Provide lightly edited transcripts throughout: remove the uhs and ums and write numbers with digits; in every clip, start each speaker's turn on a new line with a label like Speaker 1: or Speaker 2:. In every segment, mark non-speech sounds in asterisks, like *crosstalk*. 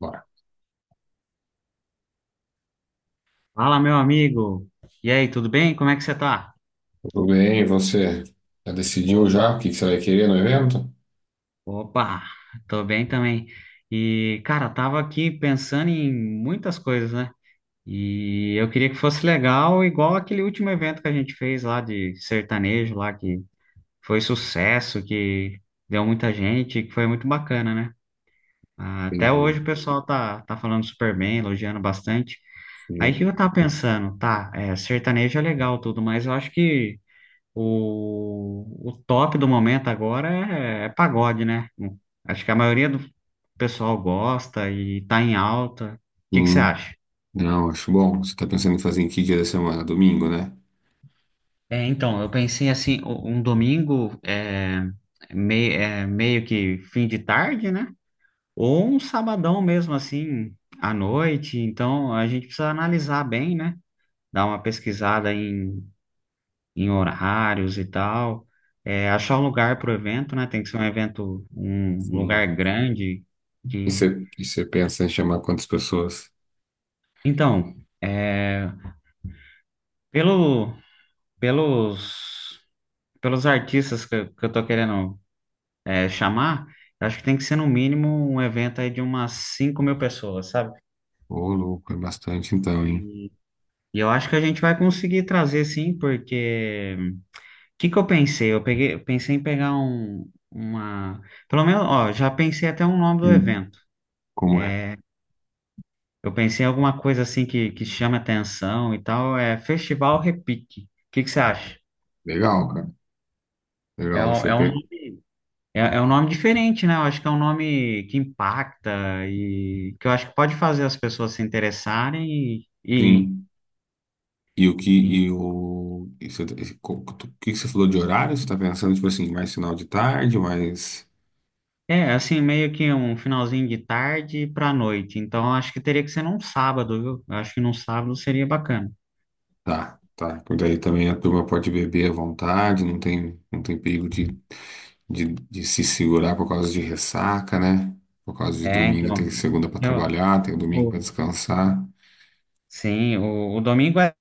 Speaker 1: Bora.
Speaker 2: Fala, meu amigo. E aí, tudo bem? Como é que você tá?
Speaker 1: Tudo bem, e você já decidiu
Speaker 2: Opa,
Speaker 1: já o que que você vai querer no evento?
Speaker 2: opa, tô bem também. E, cara, tava aqui pensando em muitas coisas, né? E eu queria que fosse legal, igual aquele último evento que a gente fez lá de sertanejo, lá que foi sucesso, que deu muita gente, que foi muito bacana, né? Ah, até
Speaker 1: Entendi.
Speaker 2: hoje o pessoal tá falando super bem, elogiando bastante. Aí o que
Speaker 1: Sim.
Speaker 2: eu tava pensando, tá, sertanejo é legal tudo, mas eu acho que o top do momento agora é pagode, né? Acho que a maioria do pessoal gosta e tá em alta. O que que você
Speaker 1: Hum,
Speaker 2: acha?
Speaker 1: não, acho bom. Você está pensando em fazer em que dia da semana? Domingo, né?
Speaker 2: É, então, eu pensei assim, um domingo é, meio que fim de tarde, né? Ou um sabadão mesmo assim, à noite. Então, a gente precisa analisar bem, né? Dar uma pesquisada em horários e tal. É, achar um lugar para o evento, né? Tem que ser um evento, um lugar
Speaker 1: Sim.
Speaker 2: grande.
Speaker 1: E
Speaker 2: Que.
Speaker 1: você, e você pensa em chamar quantas pessoas?
Speaker 2: Então, é, pelo, pelos, pelos artistas que eu tô querendo chamar, eu acho que tem que ser no mínimo um evento aí de umas 5 mil pessoas, sabe?
Speaker 1: Ô, louco, é bastante então, hein?
Speaker 2: E, e eu acho que a gente vai conseguir trazer sim, porque o que que eu pensei? Eu pensei em pegar um, uma. Pelo menos, ó, já pensei até o nome do
Speaker 1: Hum.
Speaker 2: evento.
Speaker 1: Como é?
Speaker 2: Eu pensei em alguma coisa assim que chame atenção e tal. É Festival Repique. O que que você acha?
Speaker 1: Legal, cara.
Speaker 2: É,
Speaker 1: Legal,
Speaker 2: um- é, um, é um nome diferente, né? Eu acho que é um nome que impacta e que eu acho que pode fazer as pessoas se interessarem.
Speaker 1: Sim. E o que
Speaker 2: E-
Speaker 1: e o e você- e co- o que que você falou de horário? Você está pensando tipo assim, mais final de tarde, mais...
Speaker 2: É assim, meio que um finalzinho de tarde para noite. Então, eu acho que teria que ser num sábado, viu? Eu acho que num sábado seria bacana.
Speaker 1: Tá, tá. Por daí também a turma pode beber à vontade, não tem perigo de se segurar por causa de ressaca, né? Por causa de
Speaker 2: É,
Speaker 1: domingo tem
Speaker 2: então.
Speaker 1: segunda para
Speaker 2: eu-
Speaker 1: trabalhar, tem domingo para
Speaker 2: o-
Speaker 1: descansar.
Speaker 2: sim, o domingo é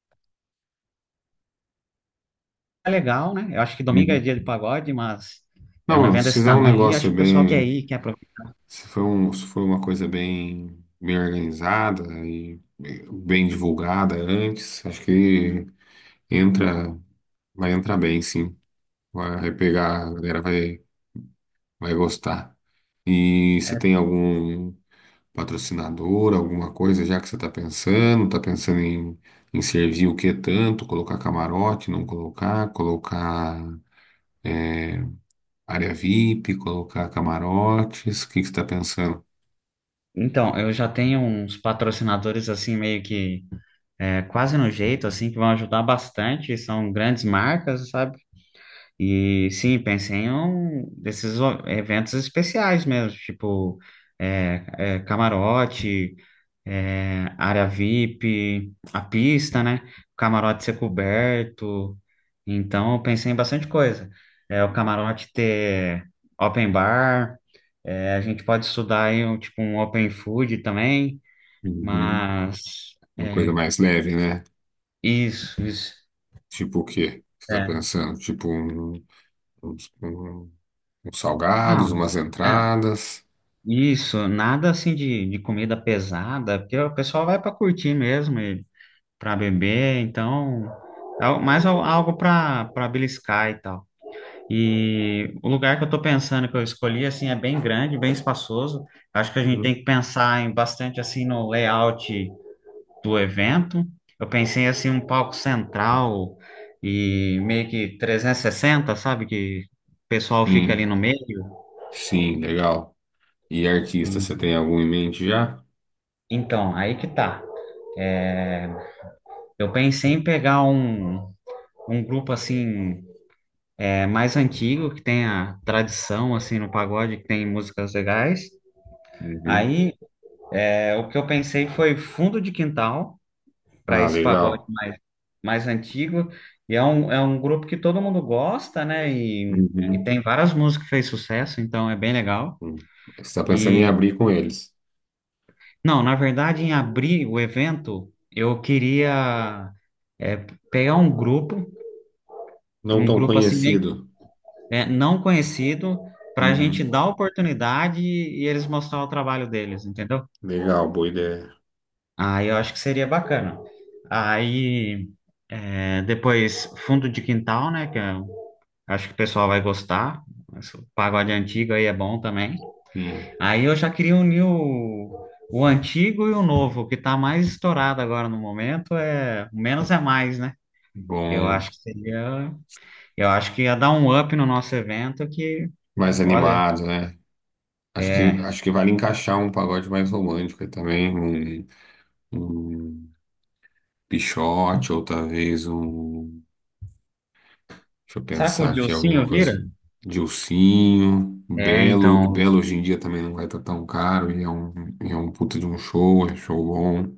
Speaker 2: é legal, né? Eu acho que domingo é
Speaker 1: Uhum.
Speaker 2: dia de pagode, mas é
Speaker 1: Não,
Speaker 2: um
Speaker 1: mano,
Speaker 2: evento
Speaker 1: se
Speaker 2: desse
Speaker 1: fizer um
Speaker 2: tamanho aí, acho
Speaker 1: negócio
Speaker 2: que o pessoal quer
Speaker 1: bem,
Speaker 2: ir, quer aproveitar.
Speaker 1: se for um, se for uma coisa bem, bem organizada e bem divulgada antes, acho que entra, vai entrar bem, sim. Vai pegar, vai gostar. E você
Speaker 2: É,
Speaker 1: tem algum patrocinador, alguma coisa, já que está pensando em, em servir o que tanto, colocar camarote, não colocar, colocar área VIP, colocar camarotes, o que que você está pensando?
Speaker 2: então, eu já tenho uns patrocinadores assim meio que quase no jeito assim que vão ajudar bastante, são grandes marcas, sabe? E sim, pensei em um desses eventos especiais mesmo, tipo camarote, área VIP, a pista, né? O camarote ser coberto. Então, eu pensei em bastante coisa. É, o camarote ter open bar, a gente pode estudar aí tipo um open food também,
Speaker 1: Uhum.
Speaker 2: mas
Speaker 1: Uma coisa
Speaker 2: é,
Speaker 1: mais leve, né?
Speaker 2: isso, isso.
Speaker 1: Tipo o quê? Você está
Speaker 2: É.
Speaker 1: pensando? Uns, um- uns
Speaker 2: Ah,
Speaker 1: salgados, umas
Speaker 2: é.
Speaker 1: entradas.
Speaker 2: Isso, nada assim de comida pesada, porque o pessoal vai para curtir mesmo, e para beber, então, algo para beliscar e tal. E o lugar que eu tô pensando que eu escolhi assim é bem grande, bem espaçoso. Acho que a gente tem que pensar em bastante assim no layout do evento. Eu pensei assim um palco central e meio que 360, sabe, que o pessoal fica ali no
Speaker 1: Sim,
Speaker 2: meio.
Speaker 1: sim, legal. E
Speaker 2: E,
Speaker 1: artista, você tem algum em mente já?
Speaker 2: então, aí que tá. Eu pensei em pegar um grupo assim mais antigo que tenha tradição assim no pagode, que tem músicas legais.
Speaker 1: Uhum.
Speaker 2: Aí o que eu pensei foi Fundo de Quintal para
Speaker 1: Ah,
Speaker 2: esse pagode
Speaker 1: legal.
Speaker 2: mais antigo. E é um grupo que todo mundo gosta, né? E
Speaker 1: Uhum.
Speaker 2: tem várias músicas que fez sucesso, então é bem legal.
Speaker 1: Hum. Você está pensando em
Speaker 2: E
Speaker 1: abrir com eles.
Speaker 2: não, na verdade, em abrir o evento, eu queria é, pegar um grupo,
Speaker 1: Não
Speaker 2: um
Speaker 1: tão
Speaker 2: grupo assim
Speaker 1: conhecido.
Speaker 2: não conhecido para a gente
Speaker 1: Uhum.
Speaker 2: dar oportunidade e eles mostrar o trabalho deles, entendeu?
Speaker 1: Legal, boa ideia.
Speaker 2: Aí eu acho que seria bacana. Aí depois fundo de quintal, né? Que eu acho que o pessoal vai gostar. Esse pagode antigo aí é bom também.
Speaker 1: Sim.
Speaker 2: Aí eu já queria unir o antigo e o novo, o que tá mais estourado agora no momento é o menos é mais, né? Eu
Speaker 1: Bom,
Speaker 2: acho que seria, eu acho que ia dar um up no nosso evento que,
Speaker 1: mais
Speaker 2: olha,
Speaker 1: animado, né?
Speaker 2: é
Speaker 1: Acho que vale encaixar um pagode mais romântico aí também, um Pixote, ou talvez um... Deixa eu
Speaker 2: Será que o
Speaker 1: pensar aqui, alguma
Speaker 2: Dilcinho
Speaker 1: coisa.
Speaker 2: vira?
Speaker 1: Dilsinho,
Speaker 2: É,
Speaker 1: Belo. O
Speaker 2: então.
Speaker 1: Belo hoje em dia também não vai estar tão caro, e é um puta de um show, é show bom.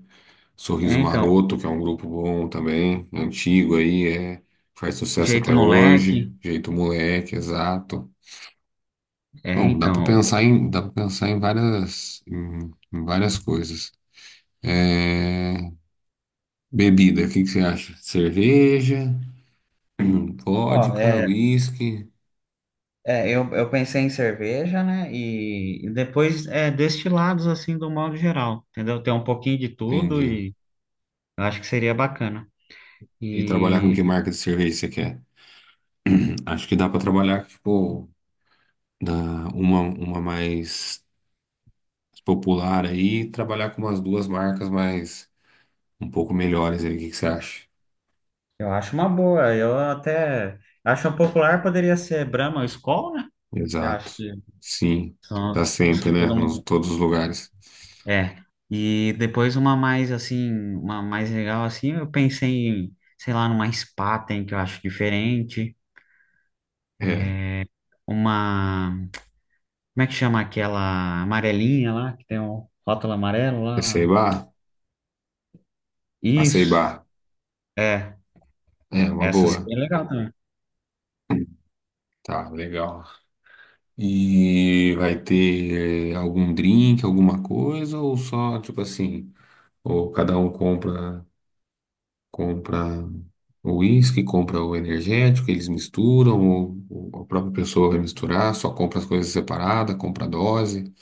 Speaker 2: É,
Speaker 1: Sorriso
Speaker 2: então.
Speaker 1: Maroto, que é um grupo bom também, antigo aí, é, faz sucesso
Speaker 2: Jeito
Speaker 1: até hoje.
Speaker 2: moleque.
Speaker 1: Jeito Moleque, exato.
Speaker 2: É,
Speaker 1: Bom,
Speaker 2: então.
Speaker 1: dá para pensar em várias, em, em várias coisas. É, bebida, o que que você acha? Cerveja, *clears throat*
Speaker 2: Ó,
Speaker 1: vodka, whisky...
Speaker 2: eu pensei em cerveja, né? E depois destilados, assim, do modo geral, entendeu? Tem um pouquinho de tudo
Speaker 1: Entendi.
Speaker 2: e eu acho que seria bacana.
Speaker 1: E trabalhar com
Speaker 2: E
Speaker 1: que marca de cerveja você quer? *clears throat* Acho que dá pra trabalhar, tipo, da, uma mais popular aí, e trabalhar com umas duas marcas mais um pouco melhores aí. O que que você acha?
Speaker 2: eu acho uma boa. Eu até acho um popular poderia ser Brahma ou Skol, né? Que eu
Speaker 1: Exato.
Speaker 2: acho que
Speaker 1: Sim. Tá
Speaker 2: são os
Speaker 1: sempre,
Speaker 2: que
Speaker 1: né?
Speaker 2: todo
Speaker 1: Nos
Speaker 2: mundo.
Speaker 1: todos os
Speaker 2: é,
Speaker 1: lugares.
Speaker 2: É, e depois uma mais assim, uma mais legal assim, eu pensei em, sei lá, numa Spaten que eu acho diferente,
Speaker 1: É.
Speaker 2: uma, como é que chama aquela amarelinha lá, que tem um rótulo amarelo lá?
Speaker 1: Aceibá?
Speaker 2: Isso,
Speaker 1: Aceibá.
Speaker 2: é,
Speaker 1: É, uma
Speaker 2: essa
Speaker 1: boa.
Speaker 2: seria legal também.
Speaker 1: Tá, legal. E vai ter algum drink, alguma coisa, ou só, tipo assim, ou cada um compra compra o uísque, compra o energético, eles misturam, ou a própria pessoa vai misturar, só compra as coisas separadas, compra a dose. O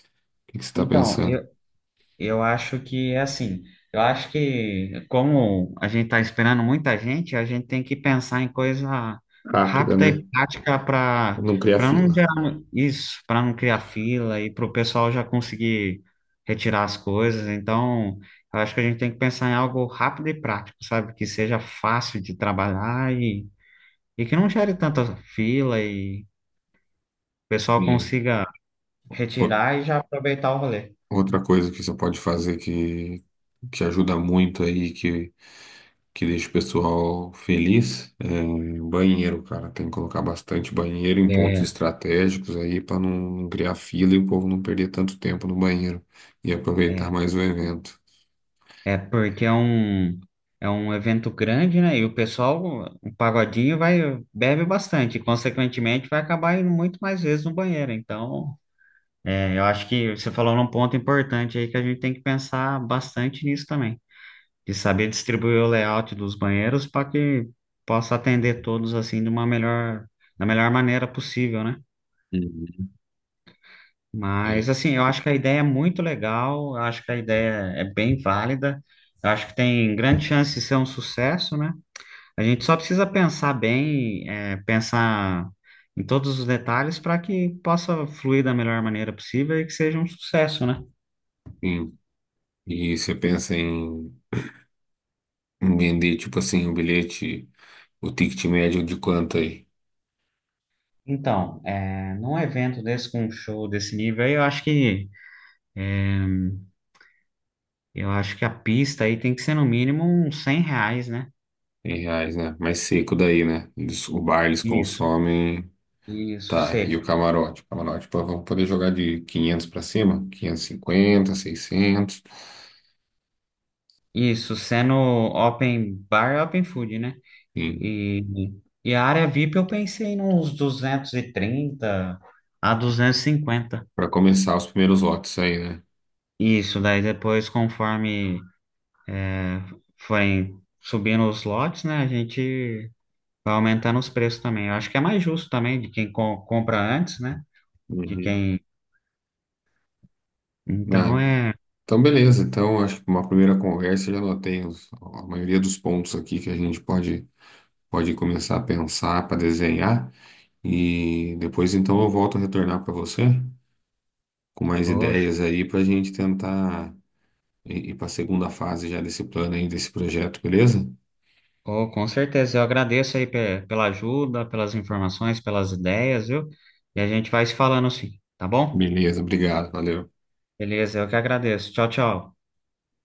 Speaker 1: que que você tá
Speaker 2: Então,
Speaker 1: pensando?
Speaker 2: eu acho que é assim. Eu acho que, como a gente está esperando muita gente, a gente tem que pensar em coisa
Speaker 1: Rápida,
Speaker 2: rápida
Speaker 1: né?
Speaker 2: e prática para
Speaker 1: Não criar
Speaker 2: para não
Speaker 1: fila.
Speaker 2: gerar isso, para não criar fila e para o pessoal já conseguir retirar as coisas. Então, eu acho que a gente tem que pensar em algo rápido e prático, sabe? Que seja fácil de trabalhar e que não gere tanta fila e o pessoal
Speaker 1: Sim.
Speaker 2: consiga
Speaker 1: O-
Speaker 2: retirar e já aproveitar o rolê.
Speaker 1: Outra coisa que você pode fazer que ajuda muito aí, que deixa o pessoal feliz, é banheiro, cara. Tem que colocar bastante banheiro em pontos
Speaker 2: É.
Speaker 1: estratégicos aí para não criar fila e o povo não perder tanto tempo no banheiro e aproveitar
Speaker 2: É.
Speaker 1: mais o evento.
Speaker 2: É porque é um evento grande, né? E o pessoal, o pagodinho vai, bebe bastante, consequentemente vai acabar indo muito mais vezes no banheiro. Então, eu acho que você falou num ponto importante aí que a gente tem que pensar bastante nisso também, de saber distribuir o layout dos banheiros para que possa atender todos assim da melhor maneira possível, né?
Speaker 1: Uhum.
Speaker 2: Mas
Speaker 1: É,
Speaker 2: assim, eu acho que a ideia é muito legal, eu acho que a ideia é bem válida, eu acho que tem grande chance de ser um sucesso, né? A gente só precisa pensar bem, pensar em todos os detalhes para que possa fluir da melhor maneira possível e que seja um sucesso, né?
Speaker 1: sim. E você pensa em em vender, tipo assim, o bilhete, o ticket médio de quanto aí?
Speaker 2: Então, num evento desse, com um show desse nível aí, eu acho que a pista aí tem que ser no mínimo uns R$ 100, né?
Speaker 1: Em reais, né? Mais seco daí, né? Eles- o bar eles
Speaker 2: Isso,
Speaker 1: consomem.
Speaker 2: isso,
Speaker 1: Tá, e o
Speaker 2: seco.
Speaker 1: camarote? O camarote, pô, vamos poder jogar de 500 pra cima? 550, 600.
Speaker 2: Isso, sendo open bar, open food, né?
Speaker 1: Sim,
Speaker 2: E, e a área VIP eu pensei nos 230 a 250.
Speaker 1: pra começar os primeiros lotes aí, né?
Speaker 2: Isso, daí depois, conforme é, forem subindo os lotes, né, a gente vai aumentando os preços também. Eu acho que é mais justo também de quem compra antes, né, de
Speaker 1: Uhum.
Speaker 2: quem. Então
Speaker 1: Ah,
Speaker 2: é.
Speaker 1: então, beleza. Então, acho que uma primeira conversa eu já anotei os- a maioria dos pontos aqui que a gente pode, pode começar a pensar para desenhar. E depois, então, eu volto a retornar para você com mais
Speaker 2: Oxe,
Speaker 1: ideias aí para a gente tentar ir para a segunda fase já desse plano aí, desse projeto, beleza?
Speaker 2: oh, com certeza, eu agradeço aí pela ajuda, pelas informações, pelas ideias, viu? E a gente vai se falando assim, tá bom?
Speaker 1: Beleza, obrigado, valeu.
Speaker 2: Beleza, eu que agradeço. Tchau, tchau.